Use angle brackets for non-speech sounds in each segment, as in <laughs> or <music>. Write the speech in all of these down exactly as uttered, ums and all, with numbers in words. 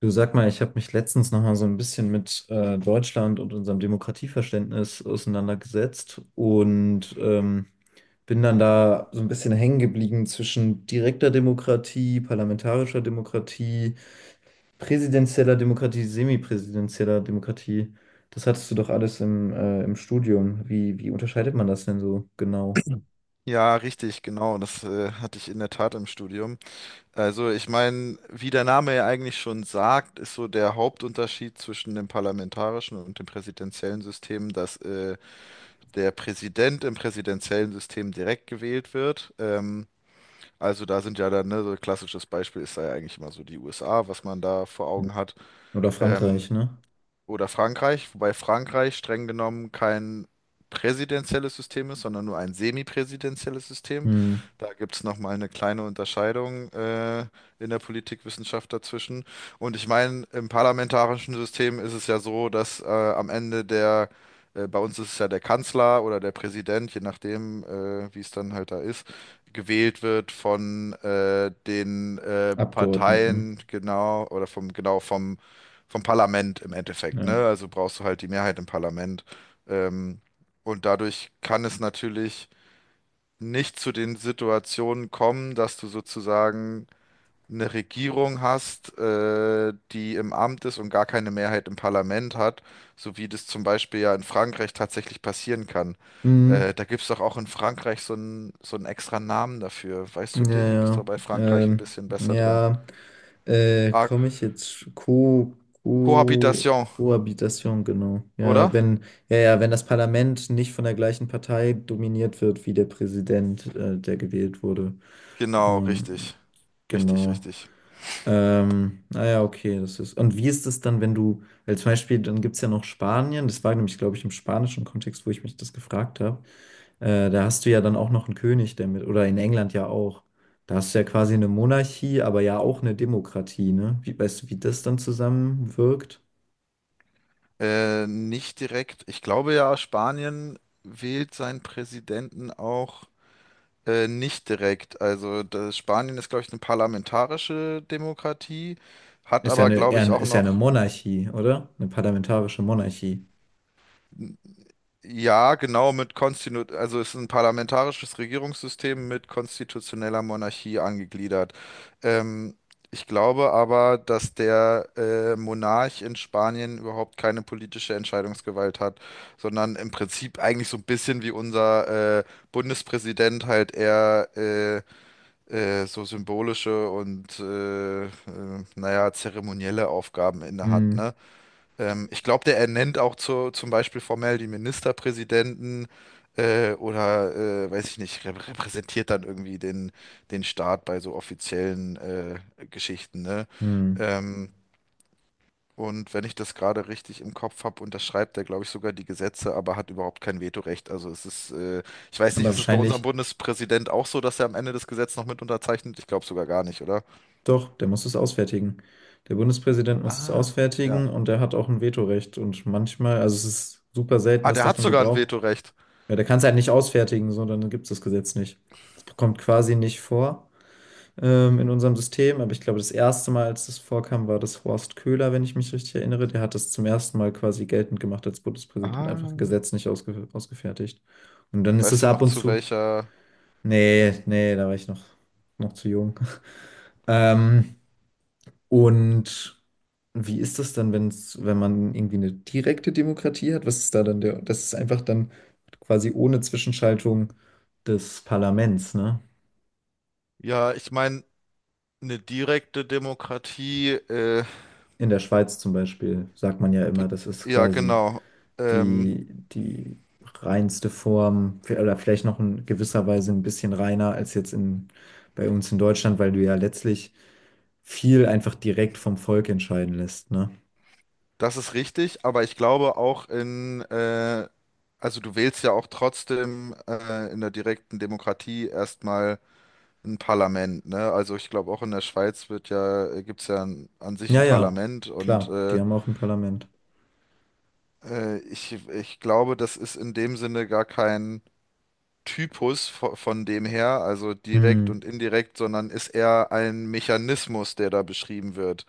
Du sag mal, ich habe mich letztens noch mal so ein bisschen mit äh, Deutschland und unserem Demokratieverständnis auseinandergesetzt und ähm, bin dann da so ein bisschen hängen geblieben zwischen direkter Demokratie, parlamentarischer Demokratie, präsidentieller Demokratie, semipräsidentieller Demokratie. Das hattest du doch alles im, äh, im Studium. Wie, wie unterscheidet man das denn so genau? Ja, richtig, genau. Das äh, hatte ich in der Tat im Studium. Also ich meine, wie der Name ja eigentlich schon sagt, ist so der Hauptunterschied zwischen dem parlamentarischen und dem präsidentiellen System, dass äh, der Präsident im präsidentiellen System direkt gewählt wird. Ähm, also da sind ja dann, ne, so ein klassisches Beispiel ist da ja eigentlich immer so die U S A, was man da vor Hm. Augen hat. Oder Ähm, Frankreich, ne? oder Frankreich, wobei Frankreich streng genommen kein präsidentielles System ist, sondern nur ein semipräsidentielles System. Hm. Da gibt es nochmal eine kleine Unterscheidung äh, in der Politikwissenschaft dazwischen. Und ich meine, im parlamentarischen System ist es ja so, dass äh, am Ende der, äh, bei uns ist es ja der Kanzler oder der Präsident, je nachdem, äh, wie es dann halt da ist, gewählt wird von äh, den äh, Abgeordneten, Parteien, genau, oder vom, genau vom vom Parlament im Endeffekt, ne? ja. Also brauchst du halt die Mehrheit im Parlament. Ähm, und dadurch kann es natürlich nicht zu den Situationen kommen, dass du sozusagen eine Regierung hast, äh, die im Amt ist und gar keine Mehrheit im Parlament hat, so wie das zum Beispiel ja in Frankreich tatsächlich passieren kann. Hm. Äh, da gibt es doch auch in Frankreich so einen so einen extra Namen dafür. Weißt Ja, du den? Du bist doch ja. bei Frankreich ein Ähm, bisschen besser drin. ja, äh, Ah, komme ich jetzt Co Co Cohabitation, Kohabitation, genau. Ja, oder? wenn, ja, ja, wenn das Parlament nicht von der gleichen Partei dominiert wird wie der Präsident, äh, der gewählt wurde. Genau, richtig. Ähm, Richtig, genau. richtig. Ähm, naja, okay, das ist. Und wie ist es dann, wenn du, weil zum Beispiel, dann gibt es ja noch Spanien, das war nämlich, glaube ich, im spanischen Kontext, wo ich mich das gefragt habe. Äh, da hast du ja dann auch noch einen König, der mit, oder in England ja auch. Da hast du ja quasi eine Monarchie, aber ja auch eine Demokratie, ne? Wie, weißt du, wie das dann zusammenwirkt? Äh, nicht direkt. Ich glaube ja, Spanien wählt seinen Präsidenten auch äh, nicht direkt. Also das Spanien ist, glaube ich, eine parlamentarische Demokratie, hat Ist ja aber, eine, glaube eher, ich, ein- auch ist ja eine noch. Monarchie, oder? Eine parlamentarische Monarchie. Ja, genau, mit Konstinu, also es ist ein parlamentarisches Regierungssystem mit konstitutioneller Monarchie angegliedert. Ähm, Ich glaube aber, dass der äh, Monarch in Spanien überhaupt keine politische Entscheidungsgewalt hat, sondern im Prinzip eigentlich so ein bisschen wie unser äh, Bundespräsident halt eher äh, äh, so symbolische und äh, äh, naja, zeremonielle Aufgaben innehat, Hm, ne? Ähm, ich glaube, der ernennt auch zu, zum Beispiel formell die Ministerpräsidenten äh, oder, äh, weiß ich nicht, rep- repräsentiert dann irgendwie den, den Staat bei so offiziellen äh, Geschichten, ne? hm. Ähm, und wenn ich das gerade richtig im Kopf habe, unterschreibt er, glaube ich, sogar die Gesetze, aber hat überhaupt kein Vetorecht. Also es ist, äh, ich weiß nicht, Aber ist es bei unserem wahrscheinlich, Bundespräsident auch so, dass er am Ende das Gesetz noch mit unterzeichnet? Ich glaube sogar gar nicht, oder? doch, der muss es ausfertigen. Der Bundespräsident muss es Ah, ja. ausfertigen und der hat auch ein Vetorecht. Und manchmal, also es ist super selten, Ah, dass der hat davon sogar ein Gebrauch. Vetorecht. Ja, der kann es halt nicht ausfertigen, so, dann gibt es das Gesetz nicht. Das kommt quasi nicht vor. Ähm, in unserem System. Aber ich glaube, das erste Mal, als das vorkam, war das Horst Köhler, wenn ich mich richtig erinnere. Der hat das zum ersten Mal quasi geltend gemacht als Bundespräsident und einfach ein Ah. Gesetz nicht ausge ausgefertigt. Und dann ist es Weißt du ab noch, und zu zu. welcher? Nee, nee, da war ich noch, noch zu jung. <laughs> Ähm, und wie ist das dann, wenn's, wenn man irgendwie eine direkte Demokratie hat? Was ist da dann der? Das ist einfach dann quasi ohne Zwischenschaltung des Parlaments, ne? Ja, ich meine, eine direkte Demokratie, äh, In der Schweiz zum Beispiel sagt man ja immer, be- das ist ja, quasi genau. Ähm, die, die reinste Form oder vielleicht noch in gewisser Weise ein bisschen reiner als jetzt in, bei uns in Deutschland, weil du ja letztlich viel einfach direkt vom Volk entscheiden lässt, ne? Das ist richtig, aber ich glaube auch in, äh, also du wählst ja auch trotzdem äh, in der direkten Demokratie erstmal ein Parlament, ne? Also ich glaube auch in der Schweiz wird ja, gibt es ja an, an sich Ja, ein ja, Parlament und klar, die äh, haben auch ein Parlament. äh, ich, ich glaube, das ist in dem Sinne gar kein Typus von, von dem her, also direkt Hm, und indirekt, sondern ist eher ein Mechanismus, der da beschrieben wird.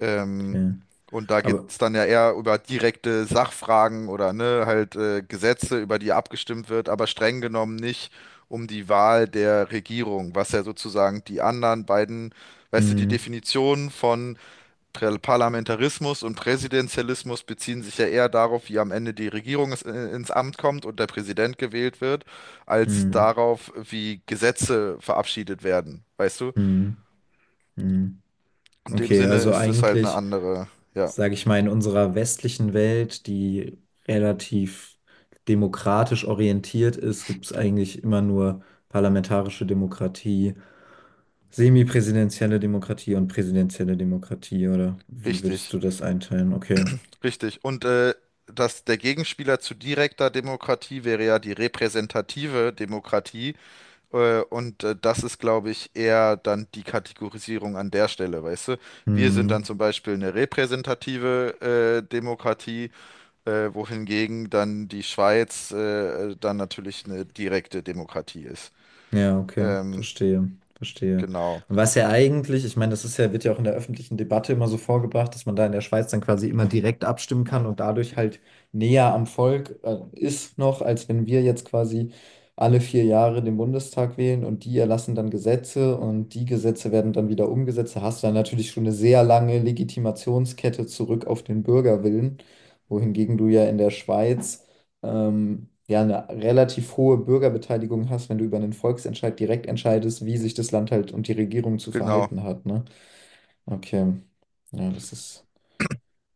Ähm, okay. und da geht Aber, es dann ja eher über direkte Sachfragen oder ne, halt äh, Gesetze, über die abgestimmt wird, aber streng genommen nicht um die Wahl der Regierung, was ja sozusagen die anderen beiden, weißt du, die hm, Definition von Prä- Parlamentarismus und Präsidentialismus beziehen sich ja eher darauf, wie am Ende die Regierung ins, ins Amt kommt und der Präsident gewählt wird, als hm, darauf, wie Gesetze verabschiedet werden, weißt du? hm, hm. In dem Okay, Sinne also ist es halt eine eigentlich. andere, ja, Sage ich mal, in unserer westlichen Welt, die relativ demokratisch orientiert ist, gibt es eigentlich immer nur parlamentarische Demokratie, semipräsidentielle Demokratie und präsidentielle Demokratie, oder wie würdest richtig, du das einteilen? Okay. richtig. Und äh, dass der Gegenspieler zu direkter Demokratie wäre ja die repräsentative Demokratie. Äh, Und äh, das ist, glaube ich, eher dann die Kategorisierung an der Stelle, weißt du? Wir sind Hm. dann zum Beispiel eine repräsentative äh, Demokratie, äh, wohingegen dann die Schweiz äh, dann natürlich eine direkte Demokratie ist. Ja, okay, Ähm, verstehe, verstehe. genau, Und was ja eigentlich, ich meine, das ist ja, wird ja auch in der öffentlichen Debatte immer so vorgebracht, dass man da in der Schweiz dann quasi immer direkt abstimmen kann und dadurch halt näher am Volk, äh, ist noch, als wenn wir jetzt quasi alle vier Jahre den Bundestag wählen und die erlassen dann Gesetze und die Gesetze werden dann wieder umgesetzt. Da hast du dann natürlich schon eine sehr lange Legitimationskette zurück auf den Bürgerwillen, wohingegen du ja in der Schweiz ähm, ja, eine relativ hohe Bürgerbeteiligung hast, wenn du über einen Volksentscheid direkt entscheidest, wie sich das Land halt und die Regierung zu genau. verhalten hat, ne? Okay. Ja, das ist.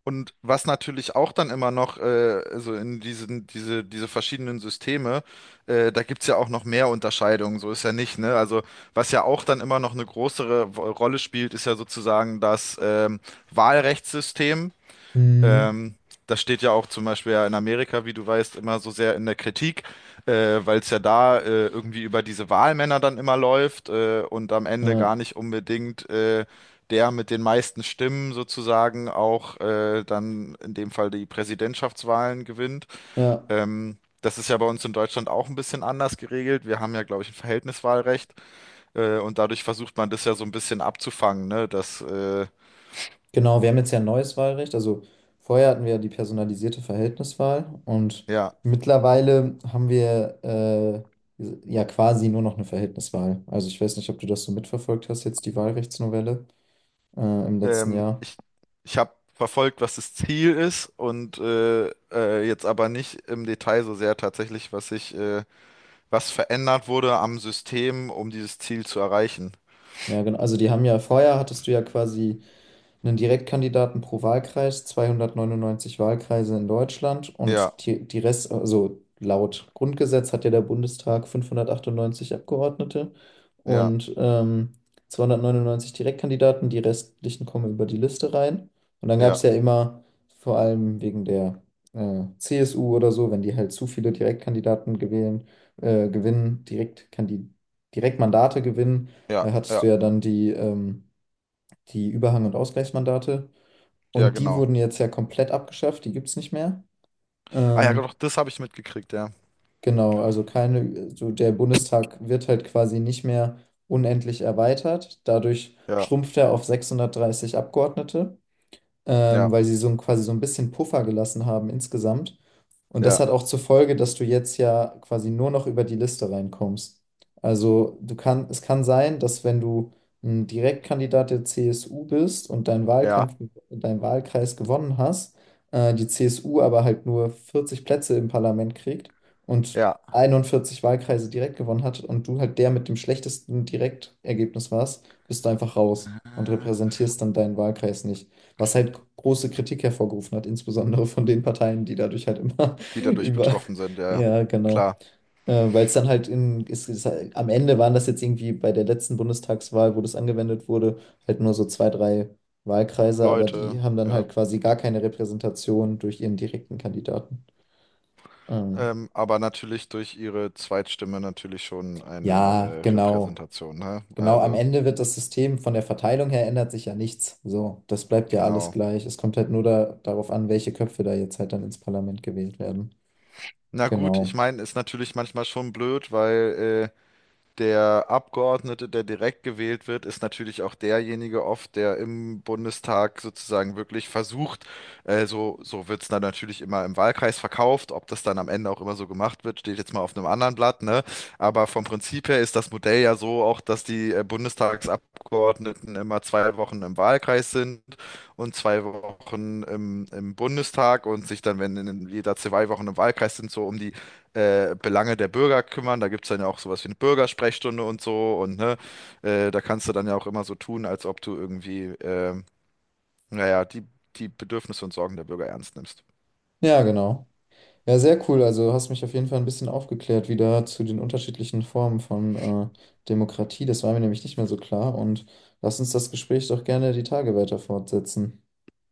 Und was natürlich auch dann immer noch, äh, also in diesen, diese, diese verschiedenen Systeme, äh, da gibt's ja auch noch mehr Unterscheidungen, so ist ja nicht, ne? Also was ja auch dann immer noch eine größere Wo- Rolle spielt, ist ja sozusagen das ähm, Wahlrechtssystem. Mhm. Ähm, Das steht ja auch zum Beispiel ja in Amerika, wie du weißt, immer so sehr in der Kritik, äh, weil es ja da äh, irgendwie über diese Wahlmänner dann immer läuft äh, und am Ende Ja, gar nicht unbedingt äh, der mit den meisten Stimmen sozusagen auch äh, dann in dem Fall die Präsidentschaftswahlen gewinnt. ja. Ähm, das ist ja bei uns in Deutschland auch ein bisschen anders geregelt. Wir haben ja, glaube ich, ein Verhältniswahlrecht äh, und dadurch versucht man das ja so ein bisschen abzufangen, ne? Dass, äh, Genau, wir haben jetzt ja ein neues Wahlrecht. Also vorher hatten wir ja die personalisierte Verhältniswahl und ja. mittlerweile haben wir äh, ja quasi nur noch eine Verhältniswahl. Also ich weiß nicht, ob du das so mitverfolgt hast, jetzt die Wahlrechtsnovelle äh, im letzten Ähm, Jahr. ich ich habe verfolgt, was das Ziel ist und äh, äh, jetzt aber nicht im Detail so sehr tatsächlich, was sich, äh, was verändert wurde am System, um dieses Ziel zu erreichen. Ja, genau. Also die haben ja, vorher hattest du ja quasi einen Direktkandidaten pro Wahlkreis, zweihundertneunundneunzig Wahlkreise in Deutschland Ja, und die, die Rest, also laut Grundgesetz hat ja der Bundestag fünfhundertachtundneunzig Abgeordnete ja, und ähm, zweihundertneunundneunzig Direktkandidaten, die restlichen kommen über die Liste rein. Und dann gab ja, es ja immer, vor allem wegen der äh, C S U oder so, wenn die halt zu viele Direktkandidaten gewählen, äh, gewinnen, Direktkandi Direktmandate gewinnen, ja, äh, hattest ja, du ja dann die ähm, die Überhang- und Ausgleichsmandate. ja, Und die genau. wurden jetzt ja komplett abgeschafft, die gibt es nicht mehr. Ah ja, Ähm, doch, das habe ich mitgekriegt, ja. genau, also keine, so der Bundestag wird halt quasi nicht mehr unendlich erweitert. Dadurch Ja, schrumpft er auf sechshundertdreißig Abgeordnete ja, ähm, weil sie so ein, quasi so ein bisschen Puffer gelassen haben insgesamt. Und ja, das hat auch zur Folge, dass du jetzt ja quasi nur noch über die Liste reinkommst. Also du kann, es kann sein, dass wenn du ein Direktkandidat der C S U bist und deinen ja, Wahlkampf, deinen Wahlkreis gewonnen hast, äh, die C S U aber halt nur vierzig Plätze im Parlament kriegt und ja. einundvierzig Wahlkreise direkt gewonnen hat und du halt der mit dem schlechtesten Direktergebnis warst, bist du einfach raus und Ah. repräsentierst dann deinen Wahlkreis nicht, was halt große Kritik hervorgerufen hat, insbesondere von den Parteien, die dadurch halt immer <laughs> Die dadurch über, betroffen sind, ja. Ja. ja, genau. Klar, Äh, weil es dann halt in, es ist, halt- am Ende waren das jetzt irgendwie bei der letzten Bundestagswahl, wo das angewendet wurde, halt nur so zwei, drei Wahlkreise, aber Leute, die haben dann ja. halt quasi gar keine Repräsentation durch ihren direkten Kandidaten. Ähm, Ähm, aber natürlich durch ihre Zweitstimme natürlich schon ja, eine äh, genau. Repräsentation, ne? Genau, am Also. Ende wird das System von der Verteilung her ändert sich ja nichts. So, das bleibt ja alles Genau. gleich. Es kommt halt nur da, darauf an, welche Köpfe da jetzt halt dann ins Parlament gewählt werden. Na gut, ich Genau. meine, ist natürlich manchmal schon blöd, weil äh, Der Abgeordnete, der direkt gewählt wird, ist natürlich auch derjenige oft, der im Bundestag sozusagen wirklich versucht, äh, so, so wird es dann natürlich immer im Wahlkreis verkauft. Ob das dann am Ende auch immer so gemacht wird, steht jetzt mal auf einem anderen Blatt, ne? Aber vom Prinzip her ist das Modell ja so auch, dass die äh, Bundestagsabgeordneten immer zwei Wochen im Wahlkreis sind und zwei Wochen im, im Bundestag und sich dann, wenn in jeder zwei Wochen im Wahlkreis sind, so um die äh, Belange der Bürger kümmern. Da gibt es dann ja auch sowas wie eine Bürgersprechstunde und so. Und ne, äh, da kannst du dann ja auch immer so tun, als ob du irgendwie, ähm, naja, die, die Bedürfnisse und Sorgen der Bürger ernst nimmst. Ja, genau. Ja, sehr cool. Also hast mich auf jeden Fall ein bisschen aufgeklärt wieder zu den unterschiedlichen Formen von äh, Demokratie. Das war mir nämlich nicht mehr so klar. Und lass uns das Gespräch doch gerne die Tage weiter fortsetzen.